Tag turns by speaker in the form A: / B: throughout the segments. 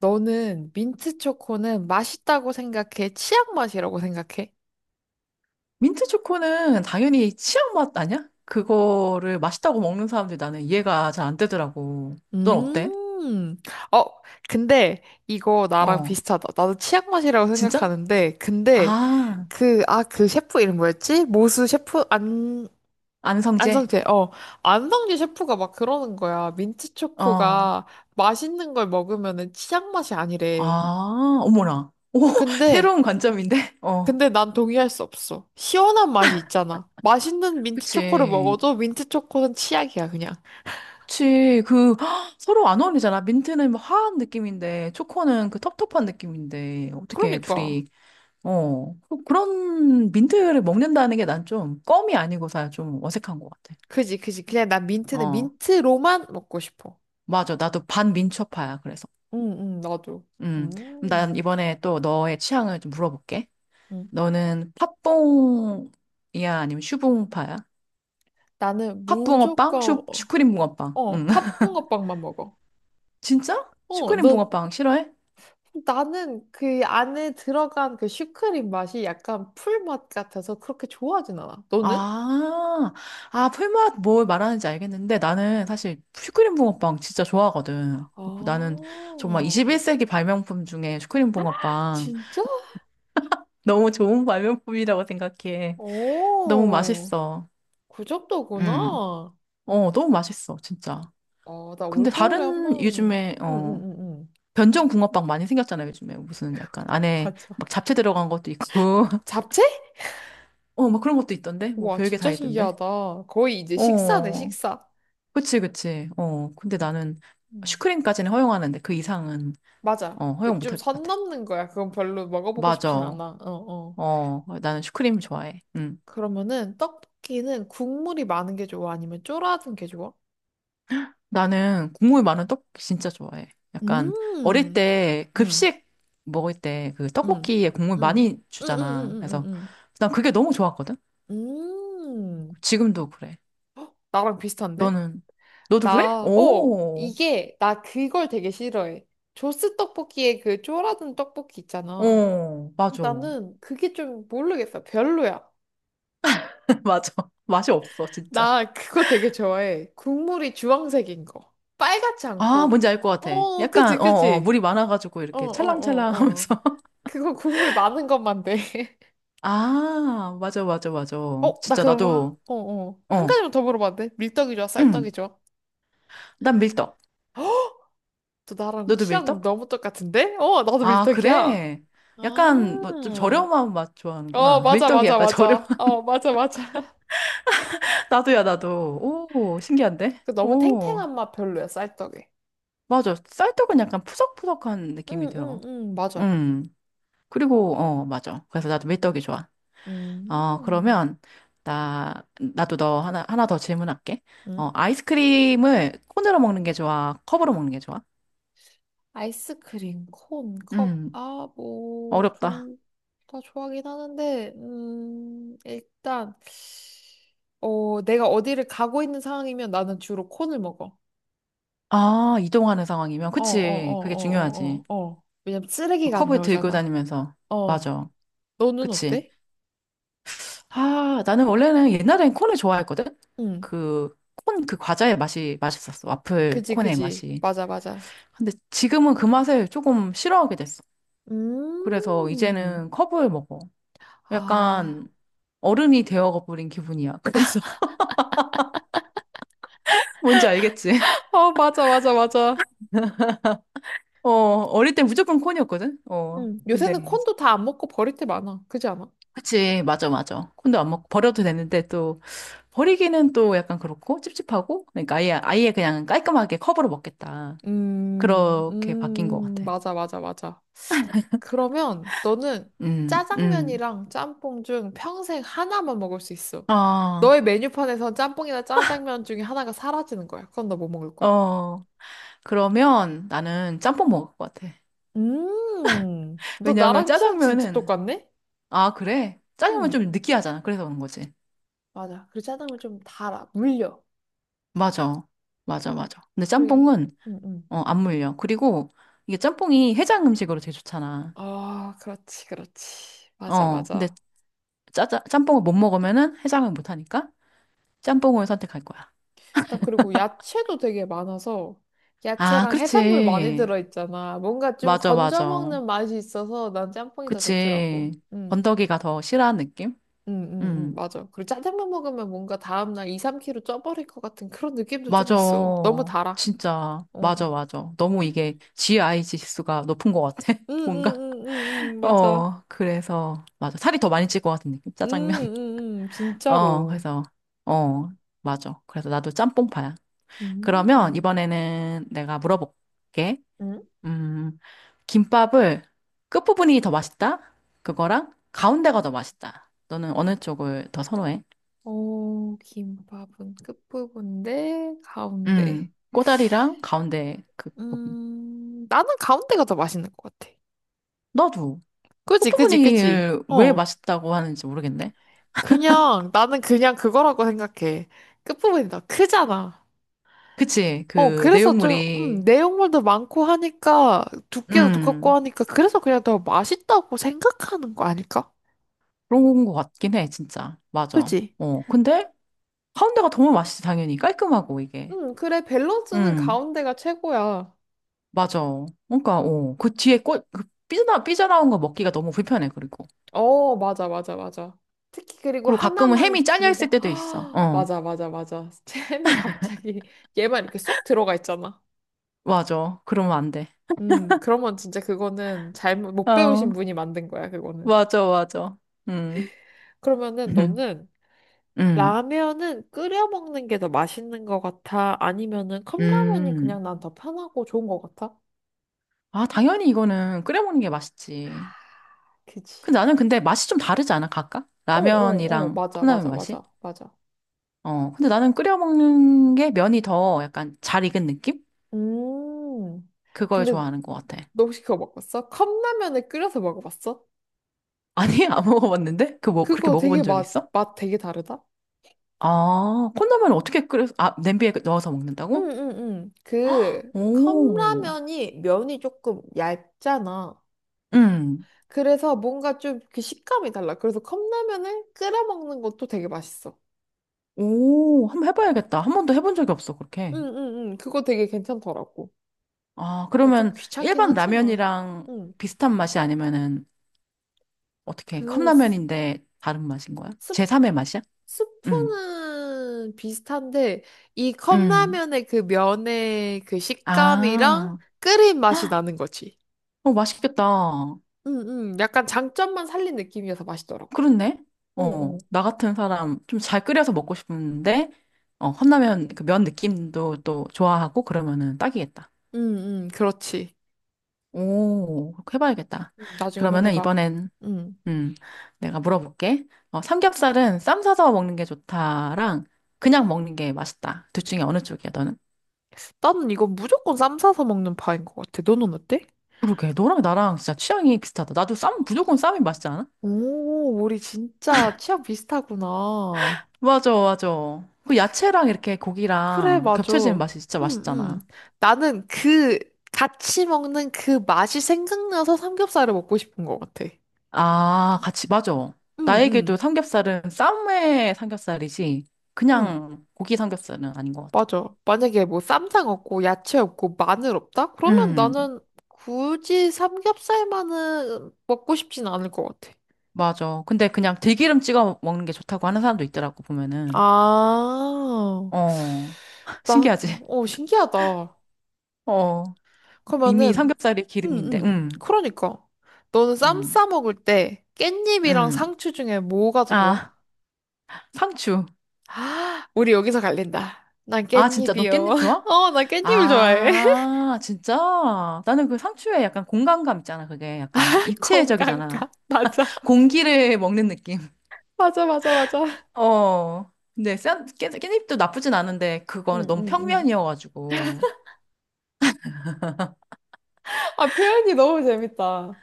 A: 너는 민트 초코는 맛있다고 생각해? 치약 맛이라고 생각해?
B: 민트 초코는 당연히 치약 맛 아니야? 그거를 맛있다고 먹는 사람들 이 나는 이해가 잘 안 되더라고. 넌 어때?
A: 음. 어, 근데 이거 나랑
B: 어,
A: 비슷하다. 나도 치약 맛이라고
B: 진짜?
A: 생각하는데, 근데
B: 아,
A: 그 셰프 이름 뭐였지? 모수 셰프? 안,
B: 안성재?
A: 안성재. 어, 안성재 셰프가 막 그러는 거야. 민트
B: 어,
A: 초코가 맛있는 걸 먹으면은 치약 맛이 아니래.
B: 아, 어머나. 오,
A: 근데
B: 새로운 관점인데? 어,
A: 근데 난 동의할 수 없어. 시원한 맛이 있잖아. 맛있는 민트 초코를
B: 그치.
A: 먹어도 민트 초코는 치약이야, 그냥.
B: 그치. 그, 헉, 서로 안 어울리잖아. 민트는 뭐 화한 느낌인데, 초코는 그 텁텁한 느낌인데, 어떻게
A: 그러니까.
B: 둘이, 어, 그런 민트를 먹는다는 게 난 좀 껌이 아니고서야 좀 어색한 것 같아.
A: 그지, 그지. 그냥 난 민트는
B: 어.
A: 민트로만 먹고 싶어.
B: 맞아. 나도 반민초파야. 그래서.
A: 응, 응, 나도.
B: 음. 그럼 난
A: 음,
B: 이번에 또 너의 취향을 좀 물어볼게.
A: 응.
B: 너는 팥붕이야? 아니면 슈붕파야?
A: 나는
B: 팥붕어빵?
A: 무조건,
B: 슈크림 붕어빵. 응
A: 팥붕어빵만 먹어.
B: 진짜?
A: 어,
B: 슈크림 붕어빵 싫어해?
A: 나는 그 안에 들어간 그 슈크림 맛이 약간 풀맛 같아서 그렇게 좋아하진 않아. 너는?
B: 아, 아, 풀맛 뭘 말하는지 알겠는데 나는
A: 음.
B: 사실 슈크림 붕어빵 진짜 좋아하거든.
A: 아,
B: 그래서 나는 정말 21세기 발명품 중에 슈크림 붕어빵
A: 진짜?
B: 너무 좋은 발명품이라고 생각해. 너무
A: 오.
B: 맛있어.
A: 그
B: 음.
A: 정도구나.
B: 어, 너무 맛있어, 진짜.
A: 아, 나
B: 근데
A: 올겨울에 한
B: 다른
A: 번,
B: 요즘에,
A: 응, 응,
B: 어,
A: 응, 응.
B: 변종 붕어빵 많이 생겼잖아요, 요즘에. 무슨 약간 안에
A: 맞아.
B: 막 잡채 들어간 것도 있고.
A: 잡채?
B: 어, 막 그런 것도 있던데? 뭐
A: 와,
B: 별게 다
A: 진짜
B: 있던데?
A: 신기하다. 거의 이제 식사네,
B: 어,
A: 식사.
B: 그치, 그치. 어, 근데 나는
A: 음.
B: 슈크림까지는 허용하는데 그 이상은,
A: 맞아.
B: 어,
A: 그
B: 허용 못
A: 좀
B: 할 것
A: 선
B: 같아.
A: 넘는 거야. 그건 별로 먹어보고 싶진
B: 맞아.
A: 않아. 어, 어.
B: 어, 나는 슈크림 좋아해. 응.
A: 그러면은 떡볶이는 국물이 많은 게 좋아? 아니면 쫄아든 게 좋아?
B: 나는 국물 많은 떡볶이 진짜 좋아해. 약간 어릴
A: 음,
B: 때
A: 음,
B: 급식 먹을 때 그
A: 음,
B: 떡볶이에 국물
A: 음,
B: 많이
A: 음, 음,
B: 주잖아.
A: 음, 음,
B: 그래서
A: 음.
B: 난 그게 너무 좋았거든.
A: 음. 음.
B: 지금도 그래.
A: 나랑 비슷한데?
B: 너는 너도 그래? 오,
A: 나 그걸 되게 싫어해. 조스 떡볶이에 그 쪼라든 떡볶이 있잖아.
B: 어, 맞아,
A: 나는 그게 좀 모르겠어. 별로야.
B: 맞아. 맛이 없어, 진짜.
A: 나 그거 되게 좋아해. 국물이 주황색인 거. 빨갛지
B: 아, 뭔지
A: 않고.
B: 알 것 같아.
A: 어, 그치,
B: 약간 어, 어,
A: 그치.
B: 물이 많아가지고
A: 어, 어,
B: 이렇게
A: 어, 어.
B: 찰랑찰랑하면서.
A: 그거 국물 많은 것만 돼.
B: 아, 맞아, 맞아, 맞아.
A: 어, 나
B: 진짜
A: 그럼,
B: 나도
A: 한
B: 어,
A: 가지만 더 물어봐도 돼? 밀떡이 좋아, 쌀떡이
B: 응.
A: 좋아?
B: 난 밀떡.
A: 또 나랑
B: 너도
A: 취향
B: 밀떡?
A: 너무 똑같은데? 어, 나도
B: 아,
A: 밀떡이야.
B: 그래? 약간 너 좀
A: 아.
B: 저렴한 맛
A: 어,
B: 좋아하는구나.
A: 맞아,
B: 밀떡이
A: 맞아,
B: 약간 저렴.
A: 맞아. 어, 맞아, 맞아.
B: 나도야, 나도. 오, 신기한데?
A: 그 너무
B: 오,
A: 탱탱한 맛 별로야, 쌀떡이.
B: 맞아. 쌀떡은 약간 푸석푸석한 느낌이
A: 응, 응,
B: 들어.
A: 응, 맞아.
B: 음. 그리고 어, 맞아. 그래서 나도 밀떡이 좋아. 어,
A: 음,
B: 그러면 나 나도 너 하나 더 질문할게.
A: 응?
B: 어, 아이스크림을 콘으로 먹는 게 좋아? 컵으로 먹는 게 좋아?
A: 아이스크림, 콘, 컵,
B: 음.
A: 아, 뭐,
B: 어렵다.
A: 둘 다 좋아하긴 하는데, 일단, 내가 어디를 가고 있는 상황이면 나는 주로 콘을 먹어.
B: 아, 이동하는 상황이면
A: 어, 어, 어,
B: 그치. 그게 중요하지.
A: 어, 어, 어, 어. 왜냐면 쓰레기가 안
B: 컵을 들고
A: 나오잖아.
B: 다니면서
A: 어,
B: 맞아.
A: 너는
B: 그치.
A: 어때?
B: 아, 나는 원래는 옛날엔 콘을 좋아했거든?
A: 응,
B: 그, 콘 그 과자의 맛이 맛있었어. 와플
A: 그지,
B: 콘의
A: 그지.
B: 맛이.
A: 맞아, 맞아.
B: 근데 지금은 그 맛을 조금 싫어하게 됐어. 그래서
A: 음.
B: 이제는 컵을 먹어.
A: 아,
B: 약간 어른이 되어버린 기분이야. 그래서 뭔지 알겠지?
A: 어, 맞아, 맞아, 맞아.
B: 어, 어릴 땐 무조건 콘이었거든? 어, 근데
A: 요새는
B: 이제-
A: 콘도 다 안 먹고 버릴 때 많아. 그지 않아?
B: 그치, 맞아, 맞아. 콘도 안 먹고 버려도 되는데 또 버리기는 또 약간 그렇고 찝찝하고 그러니까 아예, 아예 그냥 깔끔하게 컵으로 먹겠다. 그렇게 바뀐 것 같아.
A: 맞아, 맞아, 맞아. 그러면 너는
B: 음, 음.
A: 짜장면이랑 짬뽕 중 평생 하나만 먹을 수 있어.
B: 아,
A: 너의 메뉴판에선 짬뽕이나 짜장면 중에 하나가 사라지는 거야. 그건 너 뭐 먹을 거야?
B: 어. 그러면 나는 짬뽕 먹을 것 같아.
A: 너
B: 왜냐하면
A: 나랑 취향 진짜
B: 짜장면은,
A: 똑같네?
B: 아, 그래? 짜장면
A: 음,
B: 좀 느끼하잖아. 그래서 그런 거지.
A: 맞아. 그리고 짜장면 좀 달아, 물려.
B: 맞아. 맞아, 맞아. 근데
A: 그래.
B: 짬뽕은,
A: 음, 음.
B: 어, 안 물려. 그리고 이게 짬뽕이 해장 음식으로 되게 좋잖아.
A: 아, 그렇지, 그렇지. 맞아,
B: 어, 근데
A: 맞아.
B: 짬뽕을 못 먹으면은 해장을 못 하니까 짬뽕을 선택할 거야.
A: 난 그리고 야채도 되게 많아서
B: 아,
A: 야채랑 해산물 많이
B: 그렇지.
A: 들어있잖아. 뭔가 좀
B: 맞아,
A: 건져
B: 맞아.
A: 먹는 맛이 있어서 난 짬뽕이 더 좋더라고.
B: 그치.
A: 응,
B: 건더기가 더 싫어하는 느낌?
A: 응, 응, 응,
B: 음.
A: 맞아. 그리고 짜장면 먹으면 뭔가 다음날 2, 3 kg 쪄버릴 것 같은 그런 느낌도 좀
B: 맞아.
A: 있어. 너무 달아.
B: 진짜.
A: 어.
B: 맞아, 맞아. 너무 이게 GI 지수가 높은 것 같아.
A: 응, 응,
B: 뭔가.
A: 응, 응, 응, 응, 맞아.
B: 어, 그래서. 맞아. 살이 더 많이 찔 것 같은 느낌.
A: 응,
B: 짜장면.
A: 응, 응,
B: 어,
A: 진짜로.
B: 그래서. 어, 맞아. 그래서 나도 짬뽕파야. 그러면
A: 음,
B: 이번에는 내가 물어볼게.
A: 응?
B: 음, 김밥을 끝부분이 더 맛있다? 그거랑 가운데가 더 맛있다. 너는 어느 쪽을 더 선호해?
A: 오, 김밥은 끝부분인데 가운데.
B: 꼬다리랑 가운데 그 부분.
A: 나는 가운데가 더 맛있는 것 같아.
B: 너도.
A: 그지, 그지, 그지.
B: 호프무늬를 왜
A: 어.
B: 맛있다고 하는지 모르겠네.
A: 그냥, 나는 그냥 그거라고 생각해. 끝부분이 다 크잖아.
B: 그치,
A: 어,
B: 그
A: 그래서 좀,
B: 내용물이,
A: 내용물도 많고 하니까, 두께도 두껍고
B: 음,
A: 하니까, 그래서 그냥 더 맛있다고 생각하는 거 아닐까?
B: 그런 것 같긴 해, 진짜. 맞아.
A: 그지?
B: 어, 근데 가운데가 더 맛있지, 당연히. 깔끔하고, 이게.
A: 응, 그래, 밸런스는
B: 음,
A: 가운데가 최고야.
B: 맞아. 그러니까, 어, 그 뒤에 꽃, 그 삐져나온 거 먹기가 너무 불편해, 그리고.
A: 어, 맞아, 맞아, 맞아. 특히 그리고
B: 그리고 가끔은
A: 하나만
B: 햄이 잘려있을
A: 길다.
B: 때도 있어. 어,
A: 맞아, 맞아, 맞아. 잼이 갑자기 얘만 이렇게 쏙 들어가 있잖아.
B: 맞아. 그러면 안 돼.
A: 그러면 진짜 그거는 잘못, 못
B: 어,
A: 배우신 분이 만든 거야, 그거는.
B: 맞아, 맞아. 음,
A: 그러면은 너는
B: 음,
A: 라면은 끓여 먹는 게 더 맛있는 것 같아? 아니면은 컵라면이
B: 음.
A: 그냥 난 더 편하고 좋은 것 같아?
B: 아, 당연히 이거는 끓여 먹는 게 맛있지.
A: 그치.
B: 근데 나는 근데 맛이 좀 다르지 않아, 각각?
A: 어, 어, 어,
B: 라면이랑
A: 맞아,
B: 컵라면
A: 맞아,
B: 맛이?
A: 맞아, 맞아.
B: 어, 근데 나는 끓여 먹는 게 면이 더 약간 잘 익은 느낌?
A: 음.
B: 그걸
A: 근데
B: 좋아하는 것 같아.
A: 너 혹시 그거 먹었어? 컵라면을 끓여서 먹어봤어?
B: 아니, 안 먹어봤는데? 그 뭐, 그렇게
A: 그거 되게
B: 먹어본 적 있어?
A: 맛 되게 다르다?
B: 아, 컵라면 어떻게 끓여, 아, 냄비에 넣어서 먹는다고?
A: 응, 응, 응. 그
B: 오,
A: 컵라면이 면이 조금 얇잖아.
B: 음,
A: 그래서 뭔가 좀 그 식감이 달라. 그래서 컵라면을 끓여 먹는 것도 되게 맛있어.
B: 오, 한번 해봐야겠다. 한 번도 해본 적이 없어,
A: 응,
B: 그렇게.
A: 응, 응. 그거 되게 괜찮더라고.
B: 아,
A: 좀
B: 그러면
A: 귀찮긴
B: 일반
A: 하지만.
B: 라면이랑
A: 응.
B: 비슷한 맛이 아니면은 어떻게
A: 그
B: 컵라면인데 다른 맛인 거야?
A: 스-
B: 제3의 맛이야? 응,
A: 스프는 비슷한데 이
B: 응
A: 컵라면의 그 면의 그 식감이랑
B: 아,
A: 끓인 맛이
B: 헉,
A: 나는 거지.
B: 어, 맛있겠다.
A: 응, 응. 약간 장점만 살린 느낌이어서 맛있더라고.
B: 그렇네.
A: 어,
B: 어,
A: 어.
B: 나 같은 사람 좀 잘 끓여서 먹고 싶은데, 어, 컵라면 그 면 느낌도 또 좋아하고 그러면은 딱이겠다.
A: 응, 응. 그렇지.
B: 오, 그렇게 해봐야겠다.
A: 음. 나중에 한번
B: 그러면은
A: 해봐.
B: 이번엔,
A: 응.
B: 음, 내가 물어볼게. 어, 삼겹살은 쌈 싸서 먹는 게 좋다랑 그냥 먹는 게 맛있다. 둘 중에 어느 쪽이야, 너는?
A: 나는 이거 무조건 쌈 싸서 먹는 파인 것 같아. 너는 어때?
B: 그러게, 너랑 나랑 진짜 취향이 비슷하다. 나도 쌈, 무조건 쌈이 맛있지 않아?
A: 오, 우리 진짜 취향 비슷하구나.
B: 맞아, 맞아. 그 야채랑 이렇게
A: 그래,
B: 고기랑
A: 맞아.
B: 겹쳐지는
A: 응,
B: 맛이 진짜
A: 응.
B: 맛있잖아.
A: 나는 같이 먹는 그 맛이 생각나서 삼겹살을 먹고 싶은 것 같아.
B: 아, 같이, 맞아.
A: 응,
B: 나에게도
A: 응,
B: 삼겹살은 쌈의 삼겹살이지,
A: 응.
B: 그냥 고기 삼겹살은 아닌 것 같아.
A: 맞아. 만약에 뭐 쌈장 없고, 야채 없고, 마늘 없다? 그러면
B: 음,
A: 나는 굳이 삼겹살만은 먹고 싶진 않을 것 같아.
B: 맞아. 근데 그냥 들기름 찍어 먹는 게 좋다고 하는 사람도 있더라고, 보면은.
A: 아,
B: 어,
A: 나,
B: 신기하지?
A: 신기하다.
B: 어, 이미
A: 그러면은,
B: 삼겹살이
A: 응,
B: 기름인데,
A: 응. 그러니까. 너는 쌈
B: 음,
A: 싸 먹을 때 깻잎이랑
B: 음.
A: 상추 중에 뭐가 더 좋아?
B: 아, 상추.
A: 아, 우리 여기서 갈린다. 난
B: 아, 진짜 너
A: 깻잎이요.
B: 깻잎 좋아?
A: 어, 나 깻잎을 좋아해.
B: 아, 진짜? 나는 그 상추에 약간 공간감 있잖아, 그게. 약간
A: 건강가.
B: 입체적이잖아.
A: 맞아.
B: 공기를 먹는 느낌.
A: 맞아, 맞아, 맞아.
B: 어. 근데 깻잎도 나쁘진 않은데,
A: 응,
B: 그거는 너무
A: 응, 응.
B: 평면이어가지고.
A: 아, 표현이 너무 재밌다.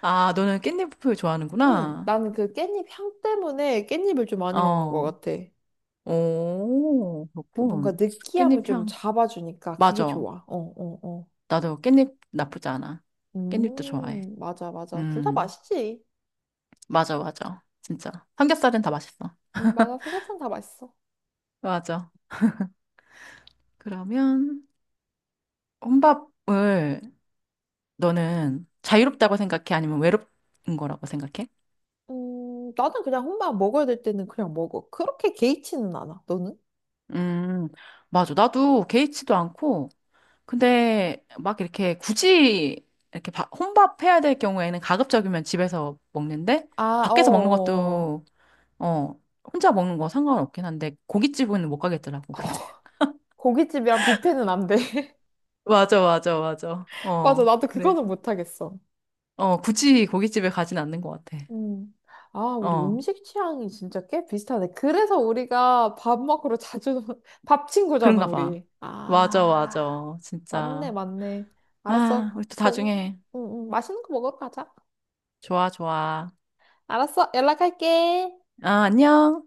B: 아, 너는 깻잎을
A: 응,
B: 좋아하는구나.
A: 나는 그 깻잎 향 때문에 깻잎을 좀 많이 먹는 것
B: 어.
A: 같아.
B: 오,
A: 그 뭔가
B: 그렇군.
A: 느끼함을
B: 깻잎
A: 좀
B: 향.
A: 잡아주니까 그게
B: 맞아.
A: 좋아. 어, 어, 어.
B: 나도 깻잎 나쁘지 않아. 깻잎도 좋아해.
A: 맞아, 맞아. 둘 다
B: 음,
A: 맛있지.
B: 맞아, 맞아. 진짜. 삼겹살은 다 맛있어.
A: 맞아. 삼겹살 다 맛있어.
B: 맞아. 그러면 혼밥을 너는 자유롭다고 생각해? 아니면 외롭은 거라고 생각해?
A: 나는 그냥 혼밥 먹어야 될 때는 그냥 먹어. 그렇게 개의치는 않아. 너는?
B: 음, 맞아. 나도 개의치도 않고, 근데 막 이렇게 굳이 이렇게 혼밥해야 될 경우에는 가급적이면 집에서 먹는데,
A: 아, 어어어.
B: 밖에서 먹는
A: 어,
B: 것도, 어, 혼자 먹는 거 상관없긴 한데, 고깃집은 못 가겠더라고, 근데.
A: 고깃집이랑 뷔페는 안 돼.
B: 맞아, 맞아, 맞아.
A: 맞아.
B: 어,
A: 나도 그거는
B: 그래서.
A: 못하겠어.
B: 어, 굳이 고깃집에 가진 않는 것 같아.
A: 음. 아, 우리
B: 어.
A: 음식 취향이 진짜 꽤 비슷하네. 그래서 우리가 밥 먹으러 자주, 밥 친구잖아,
B: 그런가 봐.
A: 우리.
B: 맞아,
A: 아,
B: 맞아.
A: 맞네,
B: 진짜.
A: 맞네.
B: 아,
A: 알았어.
B: 우리 또
A: 그럼,
B: 나중에.
A: 맛있는 거 먹으러 가자.
B: 좋아, 좋아.
A: 알았어. 연락할게.
B: 아, 안녕.